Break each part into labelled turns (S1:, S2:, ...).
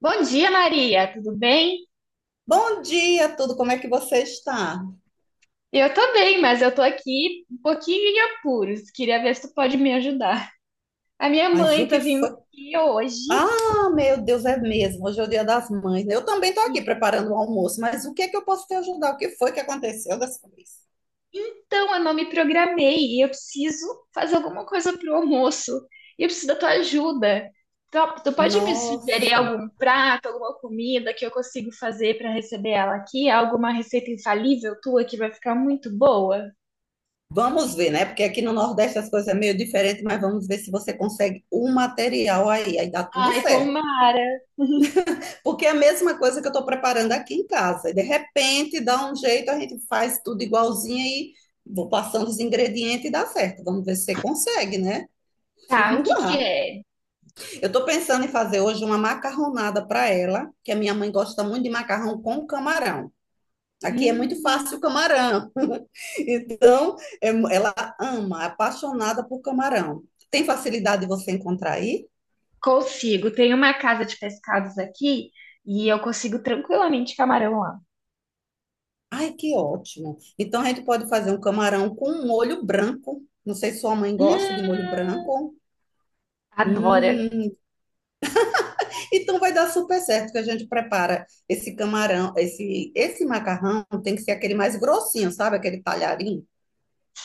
S1: Bom dia, Maria, tudo bem?
S2: Bom dia, tudo. Como é que você está?
S1: Eu tô bem, mas eu tô aqui um pouquinho em apuros. Queria ver se tu pode me ajudar. A minha
S2: Mas o
S1: mãe tá
S2: que
S1: vindo
S2: foi?
S1: aqui hoje
S2: Ah, meu Deus, é mesmo. Hoje é o Dia das Mães. Né? Eu também estou aqui
S1: e
S2: preparando o almoço, mas o que é que eu posso te ajudar? O que foi que aconteceu dessa vez?
S1: então eu não me programei e eu preciso fazer alguma coisa pro almoço. E eu preciso da tua ajuda. Tu pode me sugerir
S2: Nossa,
S1: algum prato, alguma comida que eu consigo fazer pra receber ela aqui? Alguma receita infalível tua que vai ficar muito boa?
S2: vamos ver, né? Porque aqui no Nordeste as coisas é meio diferente, mas vamos ver se você consegue o material aí, dá tudo
S1: Ai,
S2: certo.
S1: tomara.
S2: Porque é a mesma coisa que eu estou preparando aqui em casa. E de repente dá um jeito, a gente faz tudo igualzinho e vou passando os ingredientes e dá certo. Vamos ver se você consegue, né?
S1: Tá, o
S2: Vamos
S1: que que
S2: lá.
S1: é?
S2: Eu estou pensando em fazer hoje uma macarronada para ela, que a minha mãe gosta muito de macarrão com camarão. Aqui é muito fácil o
S1: Hum.
S2: camarão. Então, é- ela ama, é apaixonada por camarão. Tem facilidade de você encontrar aí?
S1: Consigo. Tem uma casa de pescados aqui e eu consigo tranquilamente camarão lá.
S2: Ai, que ótimo. Então, a gente pode fazer um camarão com um molho branco. Não sei se sua mãe gosta de molho
S1: Hum,
S2: branco.
S1: Adora.
S2: Hum, então vai dar super certo que a gente prepara esse camarão, esse macarrão tem que ser aquele mais grossinho, sabe? Aquele talharinho.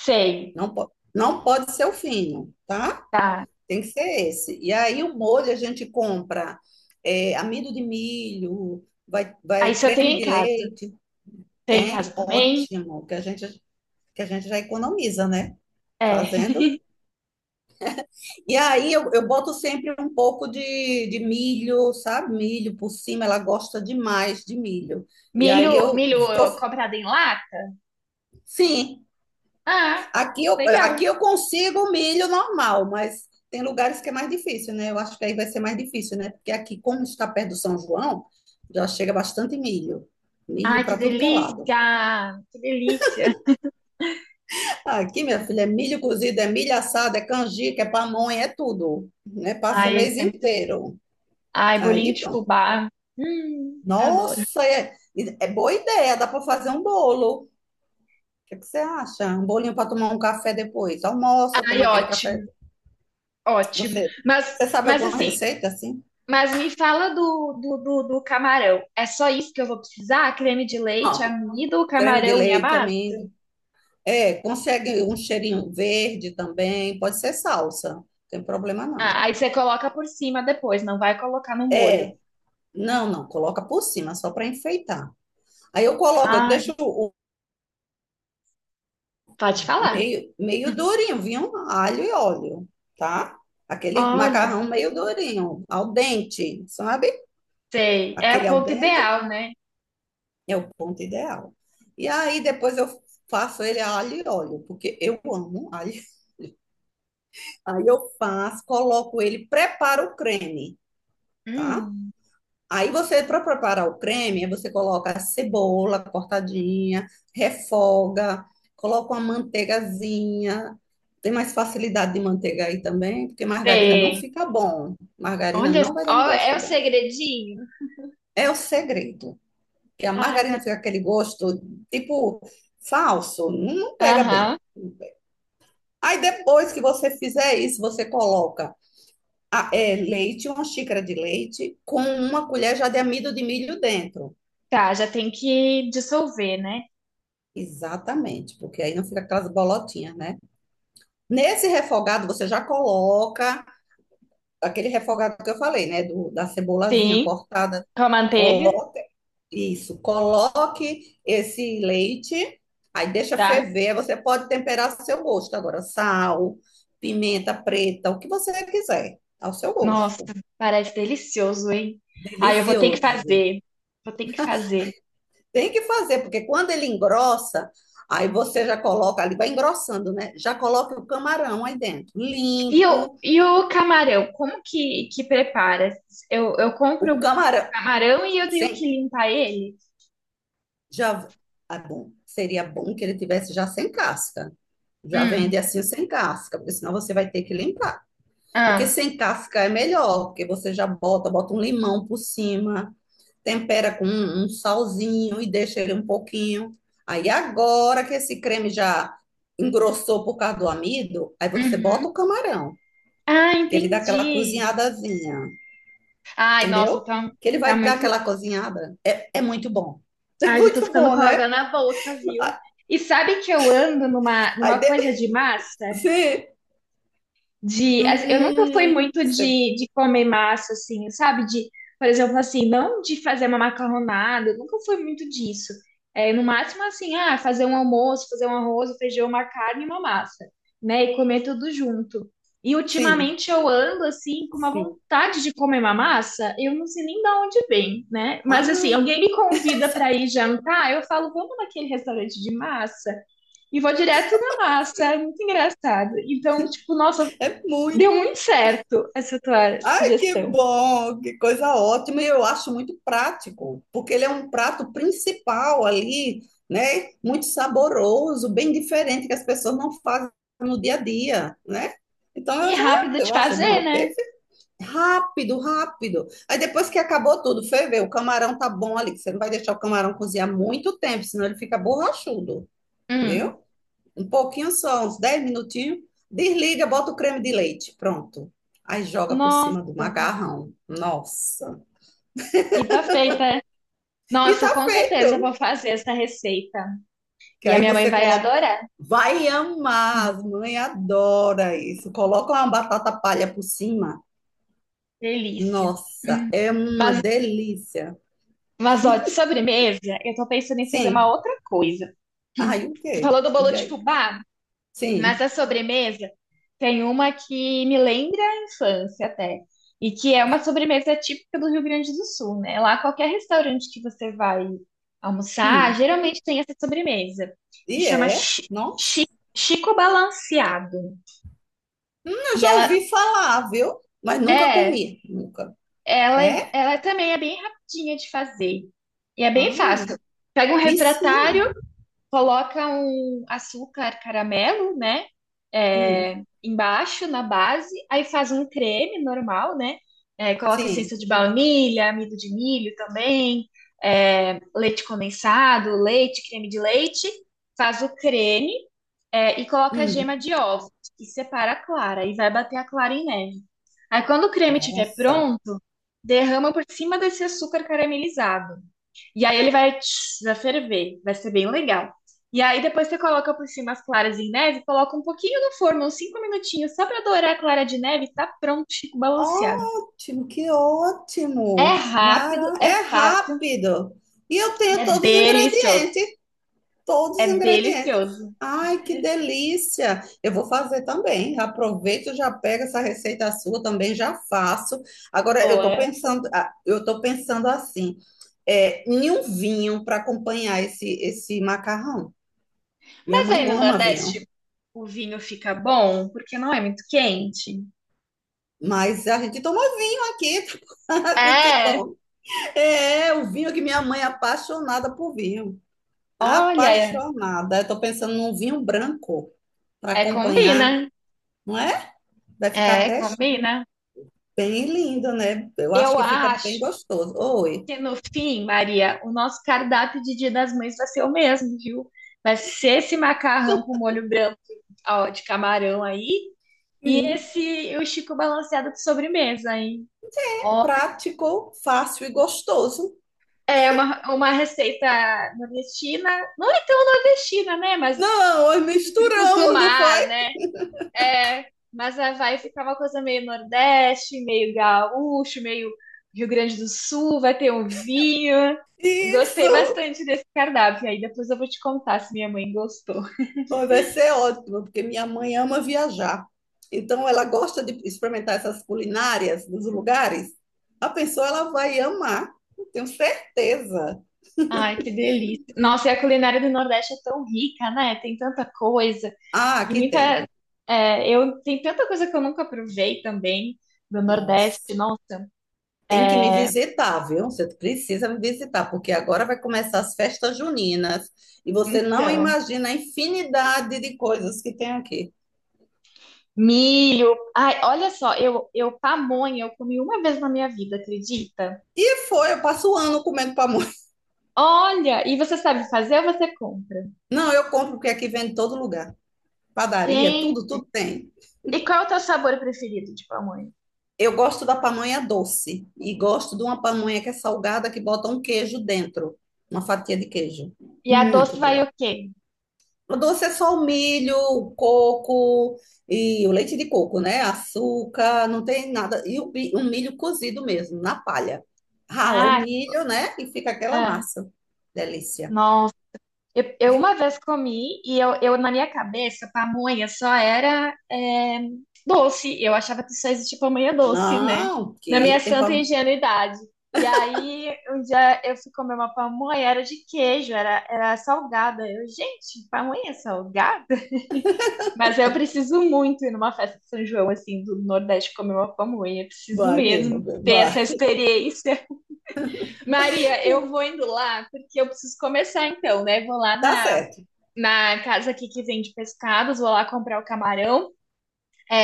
S1: Sei,
S2: Não, não pode ser o fino, tá?
S1: tá.
S2: Tem que ser esse. E aí o molho a gente compra é, amido de milho,
S1: Aí
S2: vai
S1: só tenho
S2: creme
S1: em
S2: de
S1: casa.
S2: leite,
S1: Tem em casa
S2: tem,
S1: também.
S2: ótimo, que a gente já economiza, né?
S1: É.
S2: Fazendo. E aí eu boto sempre um pouco de milho, sabe? Milho por cima, ela gosta demais de milho. E aí
S1: Milho,
S2: eu
S1: milho
S2: tô,
S1: comprado em lata?
S2: sim.
S1: Ah, legal.
S2: Aqui eu consigo milho normal, mas tem lugares que é mais difícil, né? Eu acho que aí vai ser mais difícil, né? Porque aqui, como está perto do São João, já chega bastante milho. Milho
S1: Ai, que
S2: para tudo que é lado.
S1: delícia! Que delícia!
S2: Aqui, minha filha, é milho cozido, é milho assado, é canjica, é pamonha, é tudo, né? Passa o
S1: Ai,
S2: mês
S1: é muito...
S2: inteiro.
S1: Ai, bolinho
S2: Aí,
S1: de
S2: pronto.
S1: fubá. Adoro.
S2: Nossa, é, é boa ideia, dá para fazer um bolo. O que é que você acha? Um bolinho para tomar um café depois. Almoça,
S1: Ai,
S2: toma aquele café.
S1: ótimo, ótimo.
S2: Você, você sabe
S1: Mas
S2: alguma
S1: assim,
S2: receita assim?
S1: mas me fala do camarão. É só isso que eu vou precisar? Creme de leite,
S2: Pronto,
S1: amido,
S2: creme de
S1: camarão e a
S2: leite,
S1: massa?
S2: amigo. É, consegue um cheirinho verde também, pode ser salsa, não tem problema não.
S1: Ah, aí você coloca por cima depois, não vai colocar no molho.
S2: É, não, não, coloca por cima, só para enfeitar. Aí eu coloco, eu
S1: Ai,
S2: deixo o
S1: pode falar.
S2: meio durinho, vinho alho e óleo, tá? Aquele
S1: Olha,
S2: macarrão meio durinho, al dente, sabe?
S1: sei. É o
S2: Aquele al
S1: ponto
S2: dente
S1: ideal, né?
S2: é o ponto ideal. E aí depois eu faço ele a alho e óleo, porque eu amo alho. Aí eu faço, coloco ele, preparo o creme. Tá?
S1: Hum,
S2: Aí você, para preparar o creme, aí você coloca a cebola cortadinha, refoga, coloca uma manteigazinha. Tem mais facilidade de manteiga aí também, porque margarina não
S1: sei.
S2: fica bom. Margarina
S1: Olha,
S2: não vai dar um
S1: ó, é
S2: gosto
S1: o
S2: bom.
S1: segredinho.
S2: É o segredo, que a
S1: Ai,
S2: margarina
S1: que-
S2: fica aquele gosto tipo falso, não pega bem.
S1: aham.
S2: Aí depois que você fizer isso, você coloca é, leite, uma xícara de leite, com uma colher já de amido de milho dentro.
S1: Tá, já tem que dissolver, né?
S2: Exatamente, porque aí não fica aquelas bolotinhas, né? Nesse refogado você já coloca aquele refogado que eu falei, né? Da cebolazinha
S1: Sim,
S2: cortada.
S1: com a manteiga,
S2: Coloque isso, coloque esse leite, aí deixa
S1: tá?
S2: ferver. Aí você pode temperar ao seu gosto agora, sal, pimenta preta, o que você quiser, ao seu
S1: Nossa,
S2: gosto.
S1: parece delicioso, hein? Ah, eu vou ter que
S2: Delicioso.
S1: fazer. Vou ter que fazer.
S2: Tem que fazer, porque quando ele engrossa, aí você já coloca ali, vai engrossando, né? Já coloca o camarão aí dentro, limpo.
S1: E o camarão, como que prepara? Eu compro
S2: O
S1: o
S2: camarão,
S1: camarão e eu tenho que
S2: sem,
S1: limpar ele?
S2: já, ah, bom, seria bom que ele tivesse já sem casca. Já
S1: Hum,
S2: vende assim sem casca, porque senão você vai ter que limpar. Porque
S1: ah,
S2: sem casca é melhor, porque você já bota, bota um limão por cima, tempera com um salzinho e deixa ele um pouquinho. Aí agora que esse creme já engrossou por causa do amido, aí você
S1: uhum.
S2: bota o camarão,
S1: Ah,
S2: que ele dá aquela
S1: entendi.
S2: cozinhadazinha,
S1: Ai, nossa,
S2: entendeu?
S1: tá,
S2: Que ele
S1: tá
S2: vai dar
S1: muito.
S2: aquela cozinhada. É, é muito bom. É
S1: Ai, já tô
S2: muito
S1: ficando
S2: bom,
S1: com água
S2: né?
S1: na boca, viu? E sabe que eu ando numa,
S2: Aí
S1: numa
S2: de-
S1: coisa de massa?
S2: Sim.
S1: De, eu nunca fui muito
S2: Você-
S1: de comer massa, assim, sabe? De, por exemplo, assim, não de fazer uma macarronada, eu nunca fui muito disso. É, no máximo, assim, ah, fazer um almoço, fazer um arroz, um feijão, uma carne e uma massa, né? E comer tudo junto. E
S2: Sim,
S1: ultimamente eu ando, assim, com uma
S2: sim.
S1: vontade de comer uma massa, eu não sei nem de onde vem, né? Mas, assim,
S2: Ai,
S1: alguém me convida para ir jantar, eu falo, vamos naquele restaurante de massa? E vou direto na massa, é muito engraçado. Então, tipo, nossa,
S2: é
S1: deu
S2: muito.
S1: muito certo essa tua
S2: Ai, que
S1: sugestão.
S2: bom, que coisa ótima. E eu acho muito prático, porque ele é um prato principal ali, né? Muito saboroso, bem diferente que as pessoas não fazem no dia a dia, né? Então
S1: E
S2: eu já,
S1: rápido de
S2: eu acho, não,
S1: fazer,
S2: é
S1: né?
S2: perfeito. Rápido, rápido. Aí depois que acabou tudo, foi ver, o camarão tá bom ali, que você não vai deixar o camarão cozinhar muito tempo, senão ele fica borrachudo,
S1: Hum.
S2: viu? Um pouquinho só, uns 10 minutinhos. Desliga, bota o creme de leite. Pronto. Aí joga por
S1: Nossa,
S2: cima do macarrão. Nossa.
S1: e tá feita.
S2: E tá
S1: Nossa, com certeza eu vou
S2: feito.
S1: fazer essa receita.
S2: Que
S1: E a
S2: aí
S1: minha mãe
S2: você
S1: vai
S2: coloca.
S1: adorar.
S2: Vai amar,
S1: Hum,
S2: as mães adoram isso. Coloca uma batata palha por cima.
S1: delícia.
S2: Nossa,
S1: Hum.
S2: é uma
S1: Mas,
S2: delícia.
S1: mas ó, de sobremesa, eu tô pensando em fazer uma
S2: Sim.
S1: outra coisa.
S2: Aí o
S1: Você
S2: quê?
S1: falou do bolo
S2: Diga
S1: de
S2: aí.
S1: fubá? Mas
S2: Sim.
S1: a sobremesa tem uma que me lembra a infância até, e que é uma sobremesa típica do Rio Grande do Sul, né? Lá qualquer restaurante que você vai almoçar,
S2: Hum.
S1: geralmente tem essa sobremesa, que
S2: E
S1: chama
S2: é?
S1: chi-
S2: Nossa.
S1: Chico Balanceado.
S2: Eu
S1: E
S2: já
S1: ela
S2: ouvi falar, viu? Mas nunca
S1: é,
S2: comi. Nunca.
S1: ela,
S2: É?
S1: ela também é bem rapidinha de fazer. E é bem fácil.
S2: Ai.
S1: Pega um
S2: Me ensina.
S1: refratário, coloca um açúcar caramelo, né?
S2: Hum,
S1: É, embaixo na base, aí faz um creme normal, né? É, coloca
S2: sim.
S1: essência de baunilha, amido de milho também, é, leite condensado, leite, creme de leite, faz o creme, é, e coloca a
S2: Hum.
S1: gema de ovo e separa a clara e vai bater a clara em neve. Aí quando o creme estiver
S2: Nossa.
S1: pronto, derrama por cima desse açúcar caramelizado. E aí ele vai, tch, vai ferver, vai ser bem legal. E aí depois você coloca por cima as claras em neve, coloca um pouquinho no forno, uns 5 minutinhos, só pra dourar a clara de neve, e tá pronto, Chico balanceado.
S2: Ótimo, que
S1: É
S2: ótimo.
S1: rápido,
S2: Mara...
S1: é
S2: É
S1: fácil
S2: rápido. E eu
S1: e
S2: tenho
S1: é
S2: todos os
S1: delicioso.
S2: ingredientes, todos os
S1: É
S2: ingredientes.
S1: delicioso.
S2: Ai, que delícia. Eu vou fazer também. Aproveito, já pego essa receita sua também, já faço. Agora eu tô
S1: Boa.
S2: pensando, ah, eu tô pensando assim, é, em um vinho para acompanhar esse macarrão. Minha
S1: Mas
S2: mãe
S1: aí no
S2: goma vinho.
S1: Nordeste o vinho fica bom porque não é muito quente.
S2: Mas a gente toma vinho aqui, a gente
S1: É,
S2: toma. É, é o vinho que minha mãe é apaixonada por vinho.
S1: olha,
S2: Apaixonada. Eu tô pensando num vinho branco para
S1: é combina.
S2: acompanhar, não é? Vai ficar
S1: É,
S2: até
S1: combina.
S2: bem lindo, né? Eu acho
S1: Eu
S2: que fica bem
S1: acho.
S2: gostoso. Oi.
S1: Porque no fim, Maria, o nosso cardápio de Dia das Mães vai ser o mesmo, viu? Vai ser esse macarrão com molho branco ó, de camarão aí e
S2: Sim.
S1: esse o Chico balanceado de sobremesa, hein? Ó,
S2: Prático, fácil e gostoso.
S1: é uma receita nordestina, não é tão nordestina, né? Mas
S2: Não, nós
S1: frutos do
S2: misturamos, não foi?
S1: mar, né? É, mas a vai ficar uma coisa meio Nordeste, meio gaúcho, meio Rio Grande do Sul, vai ter um vinho. Gostei
S2: Isso!
S1: bastante desse cardápio. Aí depois eu vou te contar se minha mãe gostou.
S2: Pô, vai ser ótimo, porque minha mãe ama viajar. Então, ela gosta de experimentar essas culinárias dos lugares. A pessoa ela vai amar, eu tenho certeza.
S1: Ai, que delícia. Nossa, e a culinária do Nordeste é tão rica, né? Tem tanta coisa.
S2: Ah,
S1: E
S2: aqui
S1: muita.
S2: tem.
S1: É, eu, tem tanta coisa que eu nunca provei também do Nordeste.
S2: Nossa,
S1: Nossa.
S2: tem que me
S1: É,
S2: visitar, viu? Você precisa me visitar, porque agora vai começar as festas juninas e você não
S1: então.
S2: imagina a infinidade de coisas que tem aqui.
S1: Milho. Ai, olha só, eu pamonha, eu comi uma vez na minha vida, acredita?
S2: E foi, eu passo o ano comendo pamonha.
S1: Olha, e você sabe fazer ou você compra?
S2: Não, eu compro porque aqui vende em todo lugar. Padaria, tudo,
S1: Gente,
S2: tudo tem.
S1: e qual é o teu sabor preferido de pamonha?
S2: Eu gosto da pamonha doce e gosto de uma pamonha que é salgada que bota um queijo dentro, uma fatia de queijo.
S1: E a doce
S2: Muito
S1: vai
S2: boa.
S1: o quê?
S2: O doce é só o milho, o coco e o leite de coco, né? Açúcar, não tem nada. E o, o milho cozido mesmo, na palha. Rala o
S1: Ah,
S2: milho, né? E fica aquela
S1: ah,
S2: massa. Delícia.
S1: nossa. Eu uma vez comi e eu na minha cabeça pamonha só era é, doce. Eu achava que só existia pamonha doce, né?
S2: Não,
S1: Na minha
S2: que tem
S1: santa
S2: pa...
S1: ingenuidade. E aí um dia eu fui comer uma pamonha, era de queijo, era, era salgada. Eu, gente, pamonha salgada? Mas eu preciso muito ir numa festa de São João, assim, do Nordeste comer uma pamonha. Eu preciso
S2: Vai
S1: mesmo
S2: mesmo,
S1: ter essa
S2: vai.
S1: experiência. Maria, eu vou indo lá, porque eu preciso começar então, né? Vou lá
S2: Tá
S1: na,
S2: certo,
S1: na casa aqui que vende pescados, vou lá comprar o camarão.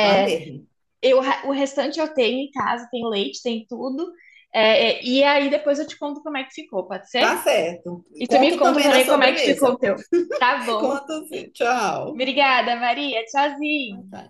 S2: vai mesmo.
S1: eu, o restante eu tenho em casa, tem leite, tem tudo. É, é, e aí depois eu te conto como é que ficou, pode ser?
S2: Tá certo.
S1: E tu me
S2: Conto
S1: conta
S2: também da
S1: também como é que ficou
S2: sobremesa.
S1: o teu. Tá bom.
S2: Conta assim, tchau.
S1: Obrigada, Maria.
S2: Ah,
S1: Tchauzinho.
S2: tá.